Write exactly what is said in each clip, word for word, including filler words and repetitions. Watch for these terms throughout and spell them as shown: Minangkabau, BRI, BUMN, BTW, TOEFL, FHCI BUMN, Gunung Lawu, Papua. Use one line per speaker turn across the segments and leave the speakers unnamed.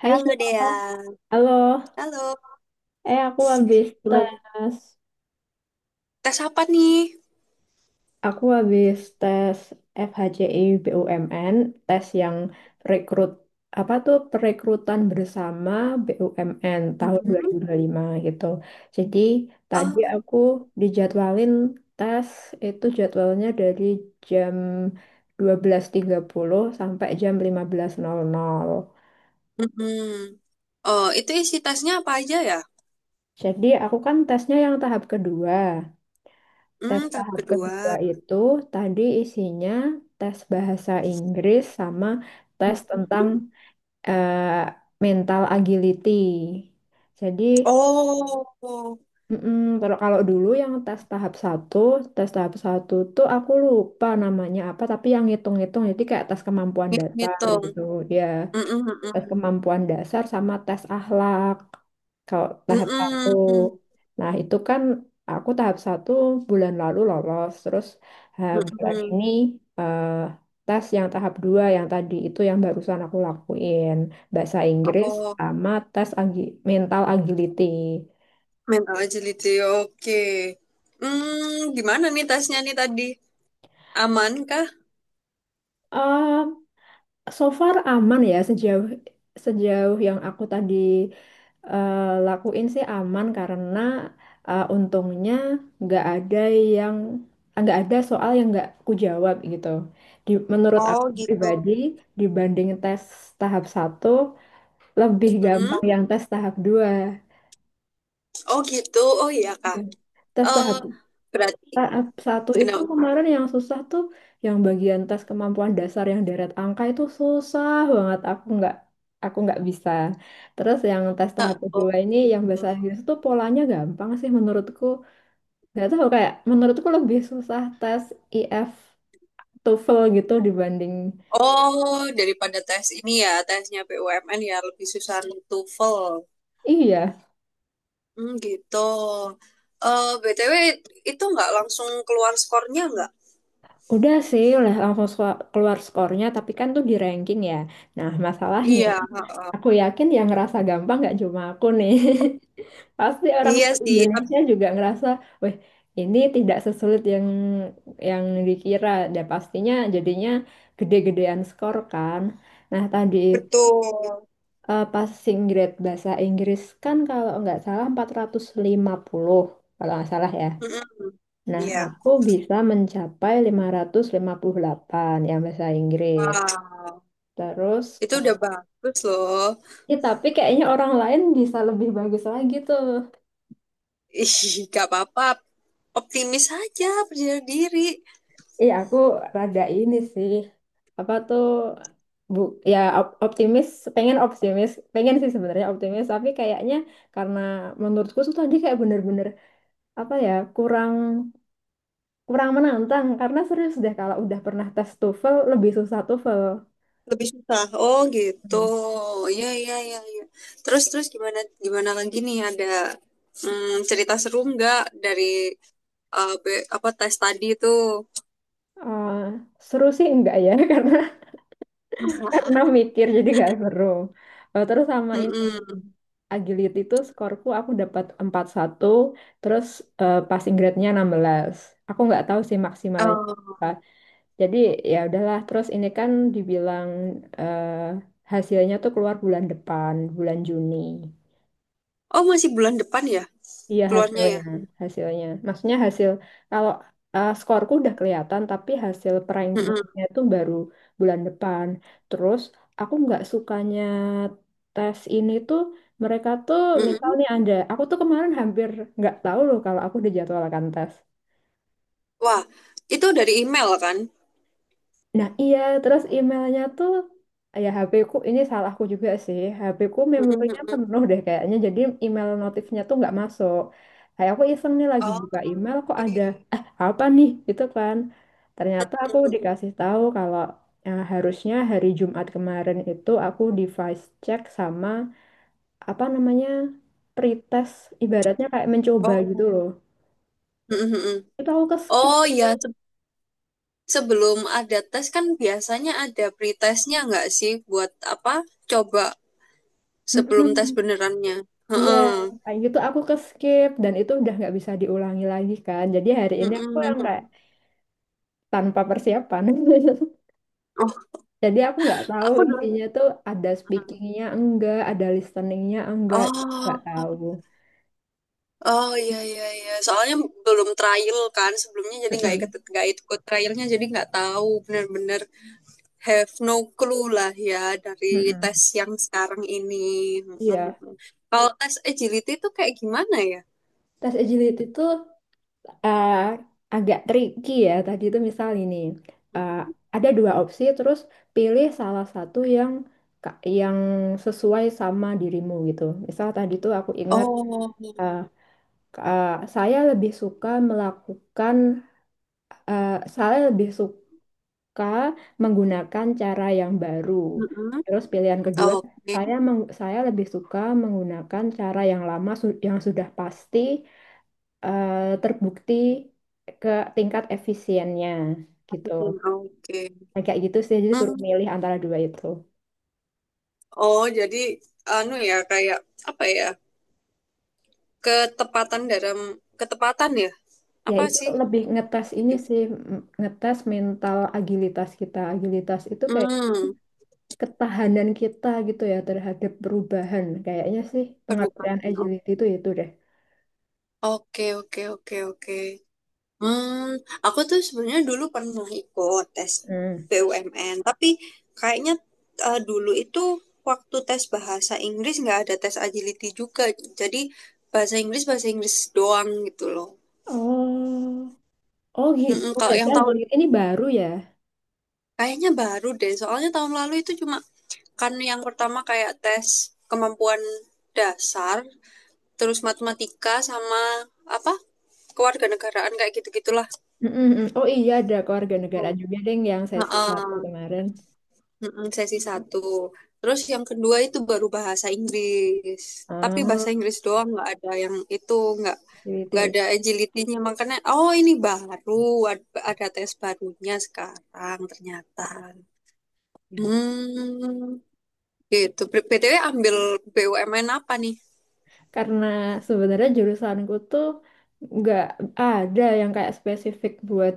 Hai
Halo
Sheila,
Dea.
halo.
Halo.
Eh aku habis
Gimana?
tes,
Tes apa nih?
aku habis tes F H C I B U M N, tes yang rekrut apa tuh perekrutan bersama B U M N tahun dua dua
Mm-mm.
ribu dua puluh lima gitu. Jadi tadi
Oh.
aku dijadwalin tes itu jadwalnya dari jam dua belas tiga puluh sampai jam lima belas nol nol.
Mm-mm. Oh, itu isi tesnya apa aja ya?
Jadi aku kan tesnya yang tahap kedua. Tes
Hmm, tahap
tahap
kedua.
kedua itu tadi isinya tes bahasa Inggris sama tes
Mm-mm.
tentang eh, mental agility. Jadi,
Oh,
mm-mm, kalau kalau dulu yang tes tahap satu, tes tahap satu tuh aku lupa namanya apa, tapi yang ngitung-ngitung, jadi kayak tes kemampuan
ngit-
dasar
ngitung.
gitu, ya
Mm-mm,
tes
mm-mm.
kemampuan dasar sama tes akhlak. Kalau tahap satu,
Mm-mm,
nah itu kan aku tahap satu bulan lalu lolos, terus eh, bulan
mm-mm.
ini eh, tes yang tahap dua yang tadi itu yang barusan aku lakuin bahasa Inggris
Oh,
sama tes agi- mental agility.
mental agility. Oke. Hmm, gimana nih tesnya nih tadi? Aman kah?
So far aman ya sejauh sejauh yang aku tadi eh, lakuin sih aman karena eh, untungnya nggak ada yang nggak ada soal yang nggak ku jawab gitu. Di, menurut
Oh
aku
gitu.
pribadi dibanding tes tahap satu lebih gampang
Mm-mm.
yang tes tahap dua.
Oh gitu. Oh iya kak.
Tes
Eh,
tahap
Berarti
Tahap satu itu
kenapa?
kemarin yang susah tuh yang bagian tes kemampuan dasar yang deret angka itu susah banget aku nggak aku nggak bisa. Terus yang tes
Nah,
tahap
oh,
kedua ini yang bahasa
gitu.
Inggris tuh polanya gampang sih menurutku. Nggak tahu kayak menurutku lebih susah tes I F TOEFL gitu dibanding.
Oh, daripada tes ini ya, tesnya B U M N ya lebih susah TOEFL.
Iya,
Hmm, gitu. Eh, B T W itu nggak langsung keluar skornya nggak?
udah sih udah langsung sko- keluar skornya tapi kan tuh di ranking ya. Nah, masalahnya
Iya, heeh.
aku yakin yang ngerasa gampang nggak cuma aku nih. Pasti orang
Iya sih, tep-
Indonesia juga ngerasa, weh, ini tidak sesulit yang yang dikira. Dan pastinya jadinya gede-gedean skor kan. Nah, tadi
betul.
eh, passing grade bahasa Inggris kan kalau nggak salah empat ratus lima puluh kalau nggak salah ya.
Mm-mm.
Nah,
Iya.
aku bisa mencapai lima ratus lima puluh delapan yang bahasa Inggris.
Wow,
Terus,
itu udah
Kak,
bagus loh.
tapi kayaknya orang lain bisa lebih bagus lagi tuh.
Ih, gak apa-apa. Optimis aja, percaya diri.
Iya, aku rada ini sih. Apa tuh bu ya op- optimis, pengen optimis, pengen sih sebenarnya optimis, tapi kayaknya karena menurutku tuh tadi kayak bener-bener apa ya kurang kurang menantang karena serius deh kalau udah pernah tes TOEFL lebih susah TOEFL.
Lebih susah. Oh gitu.
Hmm.
Iya iya iya iya. Terus terus gimana gimana lagi nih, ada mm, cerita seru nggak dari uh, be- apa tes tadi itu?
Eh, Seru sih enggak ya karena karena mikir jadi gak seru. Eh, Terus sama ini
Mm-mm.
agility itu skorku aku dapat empat puluh satu. Terus eh, passing grade-nya enam belas. Aku nggak tahu sih maksimalnya
Oh.
apa. Jadi ya udahlah terus ini kan dibilang eh, hasilnya tuh keluar bulan depan, bulan Juni.
Oh, masih bulan depan ya
Iya
keluarnya ya?
hasilnya, hasilnya. Maksudnya hasil kalau eh, skorku udah kelihatan, tapi hasil
Mm-mm.
perankingnya itu baru bulan depan. Terus aku nggak sukanya tes ini tuh mereka tuh misal
Mm-mm.
nih ada, aku tuh kemarin hampir nggak tahu loh kalau aku dijadwalkan tes.
Wah, itu dari email kan?
Nah iya, terus emailnya tuh ya ha pe ku ini salahku juga sih. ha pe ku
Mm-mm.
memorinya
Mm-mm.
penuh deh kayaknya. Jadi email notifnya tuh nggak masuk. Kayak aku iseng nih lagi
Oh,
buka email kok ada
oke.
eh apa nih gitu kan. Ternyata aku
Mm-mm.
dikasih tahu kalau eh, harusnya hari Jumat kemarin itu aku device check sama apa namanya pretest ibaratnya kayak mencoba gitu
Oh.
loh.
Mm-mm. Mm-mm.
Itu aku ke skip
Oh ya, se- sebelum ada tes kan biasanya ada pretestnya nggak sih buat apa? Coba
gitu.
sebelum tes benerannya.
Iya,
Heeh.
kayak gitu aku ke skip dan itu udah nggak bisa diulangi lagi kan. Jadi hari ini aku
Mm-mm.
yang kayak tanpa persiapan.
Oh,
Jadi aku nggak tahu
aku
intinya
dulu.
tuh ada
Ah.
speakingnya enggak, ada listeningnya enggak, itu nggak
Oh,
tahu.
oh iya iya iya. Soalnya belum trial kan sebelumnya, jadi nggak ikut
Mm-mm,
nggak ikut trialnya, jadi nggak tahu bener-bener have no clue lah ya dari tes
mm-mm.
yang sekarang ini.
Iya,
Mm-mm. Kalau tes agility itu kayak gimana ya?
tes agility itu eh, agak tricky ya. Tadi itu misal ini eh, ada dua opsi, terus pilih salah satu yang ka- yang sesuai sama dirimu gitu. Misal tadi tuh aku ingat
Oh,
eh, Uh, saya lebih suka melakukan, uh, saya lebih suka menggunakan cara yang baru.
mm-mm.
Terus pilihan kedua,
Oke,
saya meng- saya lebih suka menggunakan cara yang lama su- yang sudah pasti uh, terbukti ke tingkat efisiennya gitu.
masukin, oke.
Nah, kayak gitu sih, jadi suruh
Hmm.
milih antara dua itu.
Oh, jadi anu ya kayak apa ya? Ketepatan dalam ketepatan ya,
Ya
apa
itu
sih
lebih ngetes ini
gitu.
sih, m- ngetes mental agilitas kita. Agilitas itu kayak
Hmm,
ketahanan kita gitu ya terhadap perubahan. Kayaknya sih pengertian
perubahan op-
agility itu itu deh.
oke oke oke oke. Hmm, aku tuh sebenarnya dulu pernah ikut tes
Hmm.
B U M N, tapi kayaknya eh, dulu itu waktu tes bahasa Inggris nggak ada tes agility juga, jadi bahasa Inggris bahasa Inggris doang gitu loh.
Oh, oh gitu.
Mm-mm, kalau
Jadi
yang tahun,
agility ini baru ya.
kayaknya baru deh, soalnya tahun lalu itu cuma kan yang pertama kayak tes kemampuan dasar, terus matematika sama apa, kewarganegaraan, kayak gitu-gitulah.
Mm-mm-mm. Oh iya ada keluarga negara juga deh yang sesi satu
Heeh,
kemarin.
heeh, sesi satu. Terus yang kedua itu baru bahasa Inggris. Tapi
Oh,
bahasa Inggris doang, nggak ada yang itu, nggak nggak
agility.
ada agility-nya. Makanya oh ini baru ad- ada tes barunya sekarang ternyata.
Ya.
Hmm, gitu. B- BTW ambil B U M N apa nih?
Karena sebenarnya jurusanku tuh nggak ada yang kayak spesifik buat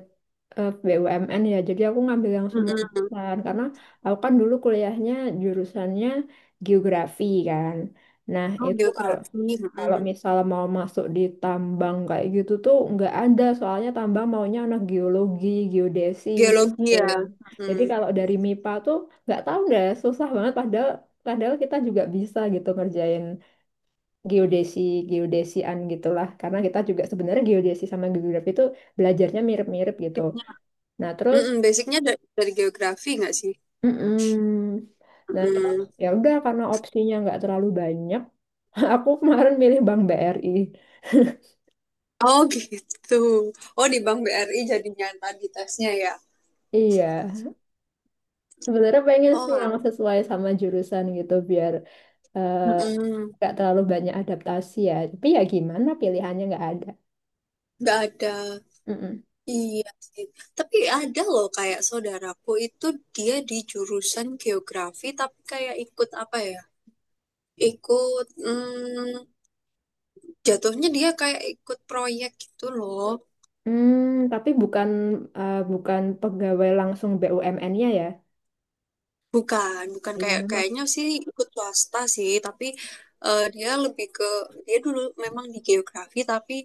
eh, B U M N ya jadi aku ngambil yang semua
Mm-mm.
jurusan karena aku kan dulu kuliahnya jurusannya geografi kan. Nah
Oh,
itu kalau
geografi.
kalau
Mm-mm.
misal mau masuk di tambang kayak gitu tuh nggak ada soalnya tambang maunya anak geologi geodesi
Geologi
gitu.
ya.
Jadi
Mm-mm.
kalau dari MIPA tuh nggak tahu deh susah banget padahal padahal kita juga bisa gitu ngerjain geodesi geodesian gitulah karena kita juga sebenarnya geodesi sama geografi itu belajarnya mirip-mirip gitu. Nah terus
Mm-mm, basicnya dari, dari geografi nggak sih?
mm-mm. nah terus
Mm-mm.
ya udah karena opsinya nggak terlalu banyak. Aku kemarin milih Bank B R I.
Oh gitu. Oh di Bank B R I jadinya yang tadi tesnya ya.
Iya sebenarnya pengen
Oh,
sih yang
ah.
sesuai sama jurusan gitu biar eh,
Mm-mm.
nggak terlalu banyak adaptasi ya tapi ya gimana pilihannya nggak ada.
Nggak ada.
Mm-mm.
Iya sih. Tapi ada loh, kayak saudaraku itu, dia di jurusan geografi tapi kayak ikut apa ya? Ikut mm, jatuhnya dia kayak ikut proyek gitu loh.
Hmm, tapi bukan eh, bukan pegawai langsung B U M N-nya-nya ya.
Bukan, bukan
Iya,
kayak
memang.
kayaknya sih ikut swasta sih, tapi eh, dia lebih ke, dia dulu memang di geografi tapi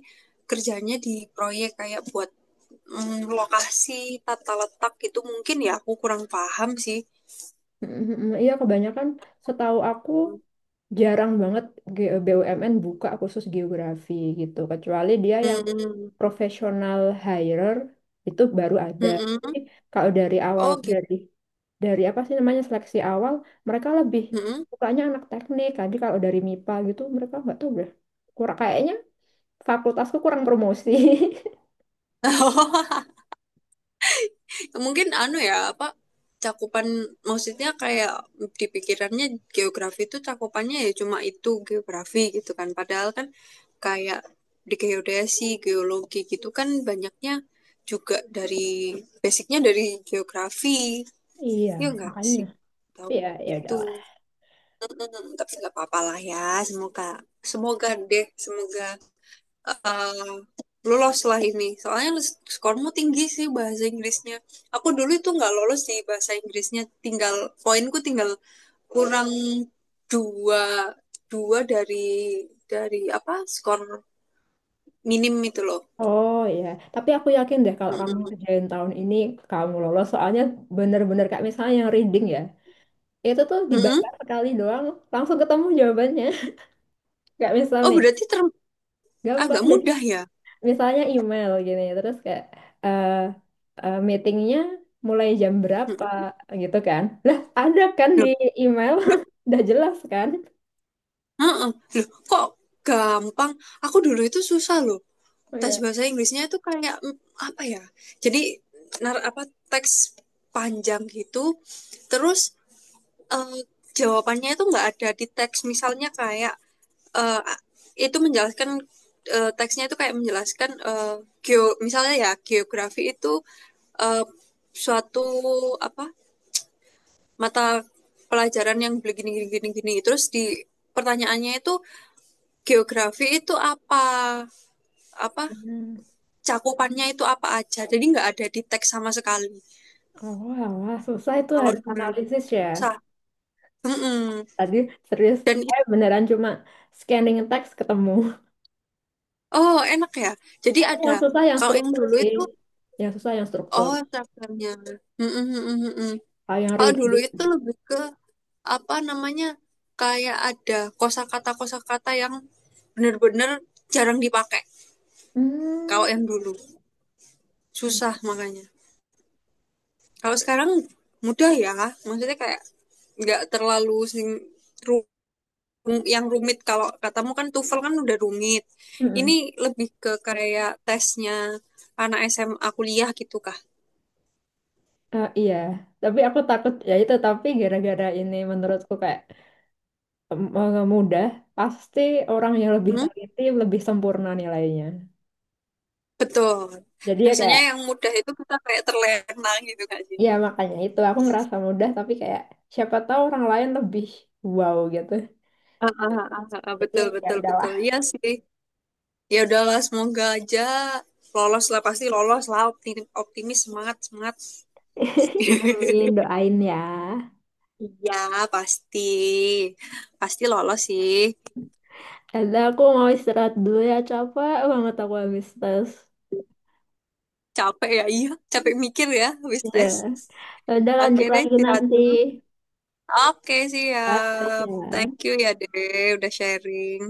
kerjanya di proyek kayak buat mm, lokasi tata letak gitu mungkin ya, aku kurang paham sih.
Mm, mm, mm. Iya kebanyakan setahu aku jarang banget G- B U M N buka khusus geografi gitu kecuali dia yang
Hmm,
profesional hirer itu baru ada.
mm-mm.
Tapi kalau dari awal
Oh gitu.
dari dari apa sih namanya seleksi awal mereka lebih
Mm.
sukanya anak teknik. Tadi kalau dari MIPA gitu mereka nggak tahu deh. Kurang kayaknya fakultasku kurang promosi.
Mungkin anu ya, apa, cakupan, maksudnya kayak di pikirannya geografi itu cakupannya ya cuma itu geografi gitu kan. Padahal kan kayak di geodesi, geologi gitu kan banyaknya juga dari basicnya dari geografi.
Iya,
Ya enggak
makanya.
sih? Tahu
Iya, ya
itu.
udah.
Hmm, tapi nggak apa-apa lah ya. Semoga, semoga deh, semoga eh lolos lah ini. Soalnya skormu tinggi sih bahasa Inggrisnya. Aku dulu itu nggak lolos di bahasa Inggrisnya, tinggal poinku, tinggal kurang dua, dua dari dari apa skor minim itu loh.
Oh iya, tapi aku yakin deh kalau kamu
Mm-mm.
kerjain tahun ini kamu lolos soalnya bener-bener kayak misalnya yang reading ya, itu tuh dibaca
Mm-mm.
sekali doang langsung ketemu jawabannya. Kayak misal
Oh
nih,
berarti term-
gampang
agak
jadi
mudah ya?
misalnya email gini, terus kayak eh eh, meetingnya mulai jam berapa
Mm-mm.
gitu kan. Lah ada kan
Loh,
di email,
loh,
udah jelas kan.
mm-mm. Loh, kok gampang? Aku dulu itu susah loh.
Oh
Tes
iya.
bahasa Inggrisnya itu kayak mm, apa ya? Jadi nar apa, teks panjang gitu. Terus eh, jawabannya itu nggak ada di teks. Misalnya kayak eh, itu menjelaskan, eh, teksnya itu kayak menjelaskan, eh, geo misalnya ya geografi itu eh, suatu apa, mata pelajaran yang begini gini gini gini. Terus di pertanyaannya itu, geografi itu apa? Apa
Hmm.
cakupannya itu, apa aja. Jadi nggak ada di teks sama sekali.
Oh, wah, wah, susah itu
Kalau
harus
dulu
analisis ya.
susah. Mm-mm.
Tadi serius,
Dan it-
saya beneran cuma scanning teks ketemu.
oh enak ya. Jadi
Tapi
ada,
yang susah yang
kalau yang
struktur
dulu
sih.
itu,
Yang susah yang struktur.
oh, chapternya. Mm-mm, mm-mm, mm-mm.
Kalau yang
Kalau dulu
reading.
itu lebih ke apa namanya, kayak ada kosakata kosakata yang bener-bener jarang dipakai.
Hmm.
Kalau yang dulu susah makanya. Kalau sekarang mudah ya. Maksudnya kayak nggak terlalu sing rum- yang rumit, kalau katamu kan TOEFL kan udah rumit. Ini
Mm-mm.
lebih ke kayak tesnya anak S M A kuliah gitu kah?
Eh, iya, tapi aku takut ya itu tapi gara-gara ini menurutku kayak em, eh, mudah, pasti orang yang lebih
Hmm?
teliti lebih sempurna nilainya.
Betul.
Jadi ya
Biasanya
kayak
yang mudah itu kita kayak terlena gitu kan sih.
ya makanya itu aku ngerasa mudah tapi kayak siapa tahu orang lain lebih wow gitu.
Ah, ah, ah, ah, ah,
Jadi ya
betul
ya
betul
udahlah.
betul. Iya sih. Ya udahlah, semoga aja lolos lah, pasti lolos lah, optimis, optimis, semangat semangat.
Amin, doain ya.
Iya pasti pasti lolos sih.
Ada aku mau istirahat dulu ya, capek banget aku habis tes.
Capek ya, iya capek mikir ya habis
Iya.
tes.
Udah
Oke
lanjut
deh,
lagi
istirahat
nanti.
dulu. Oke,
Bye
siap.
aja.
Thank you ya, Dek, udah sharing.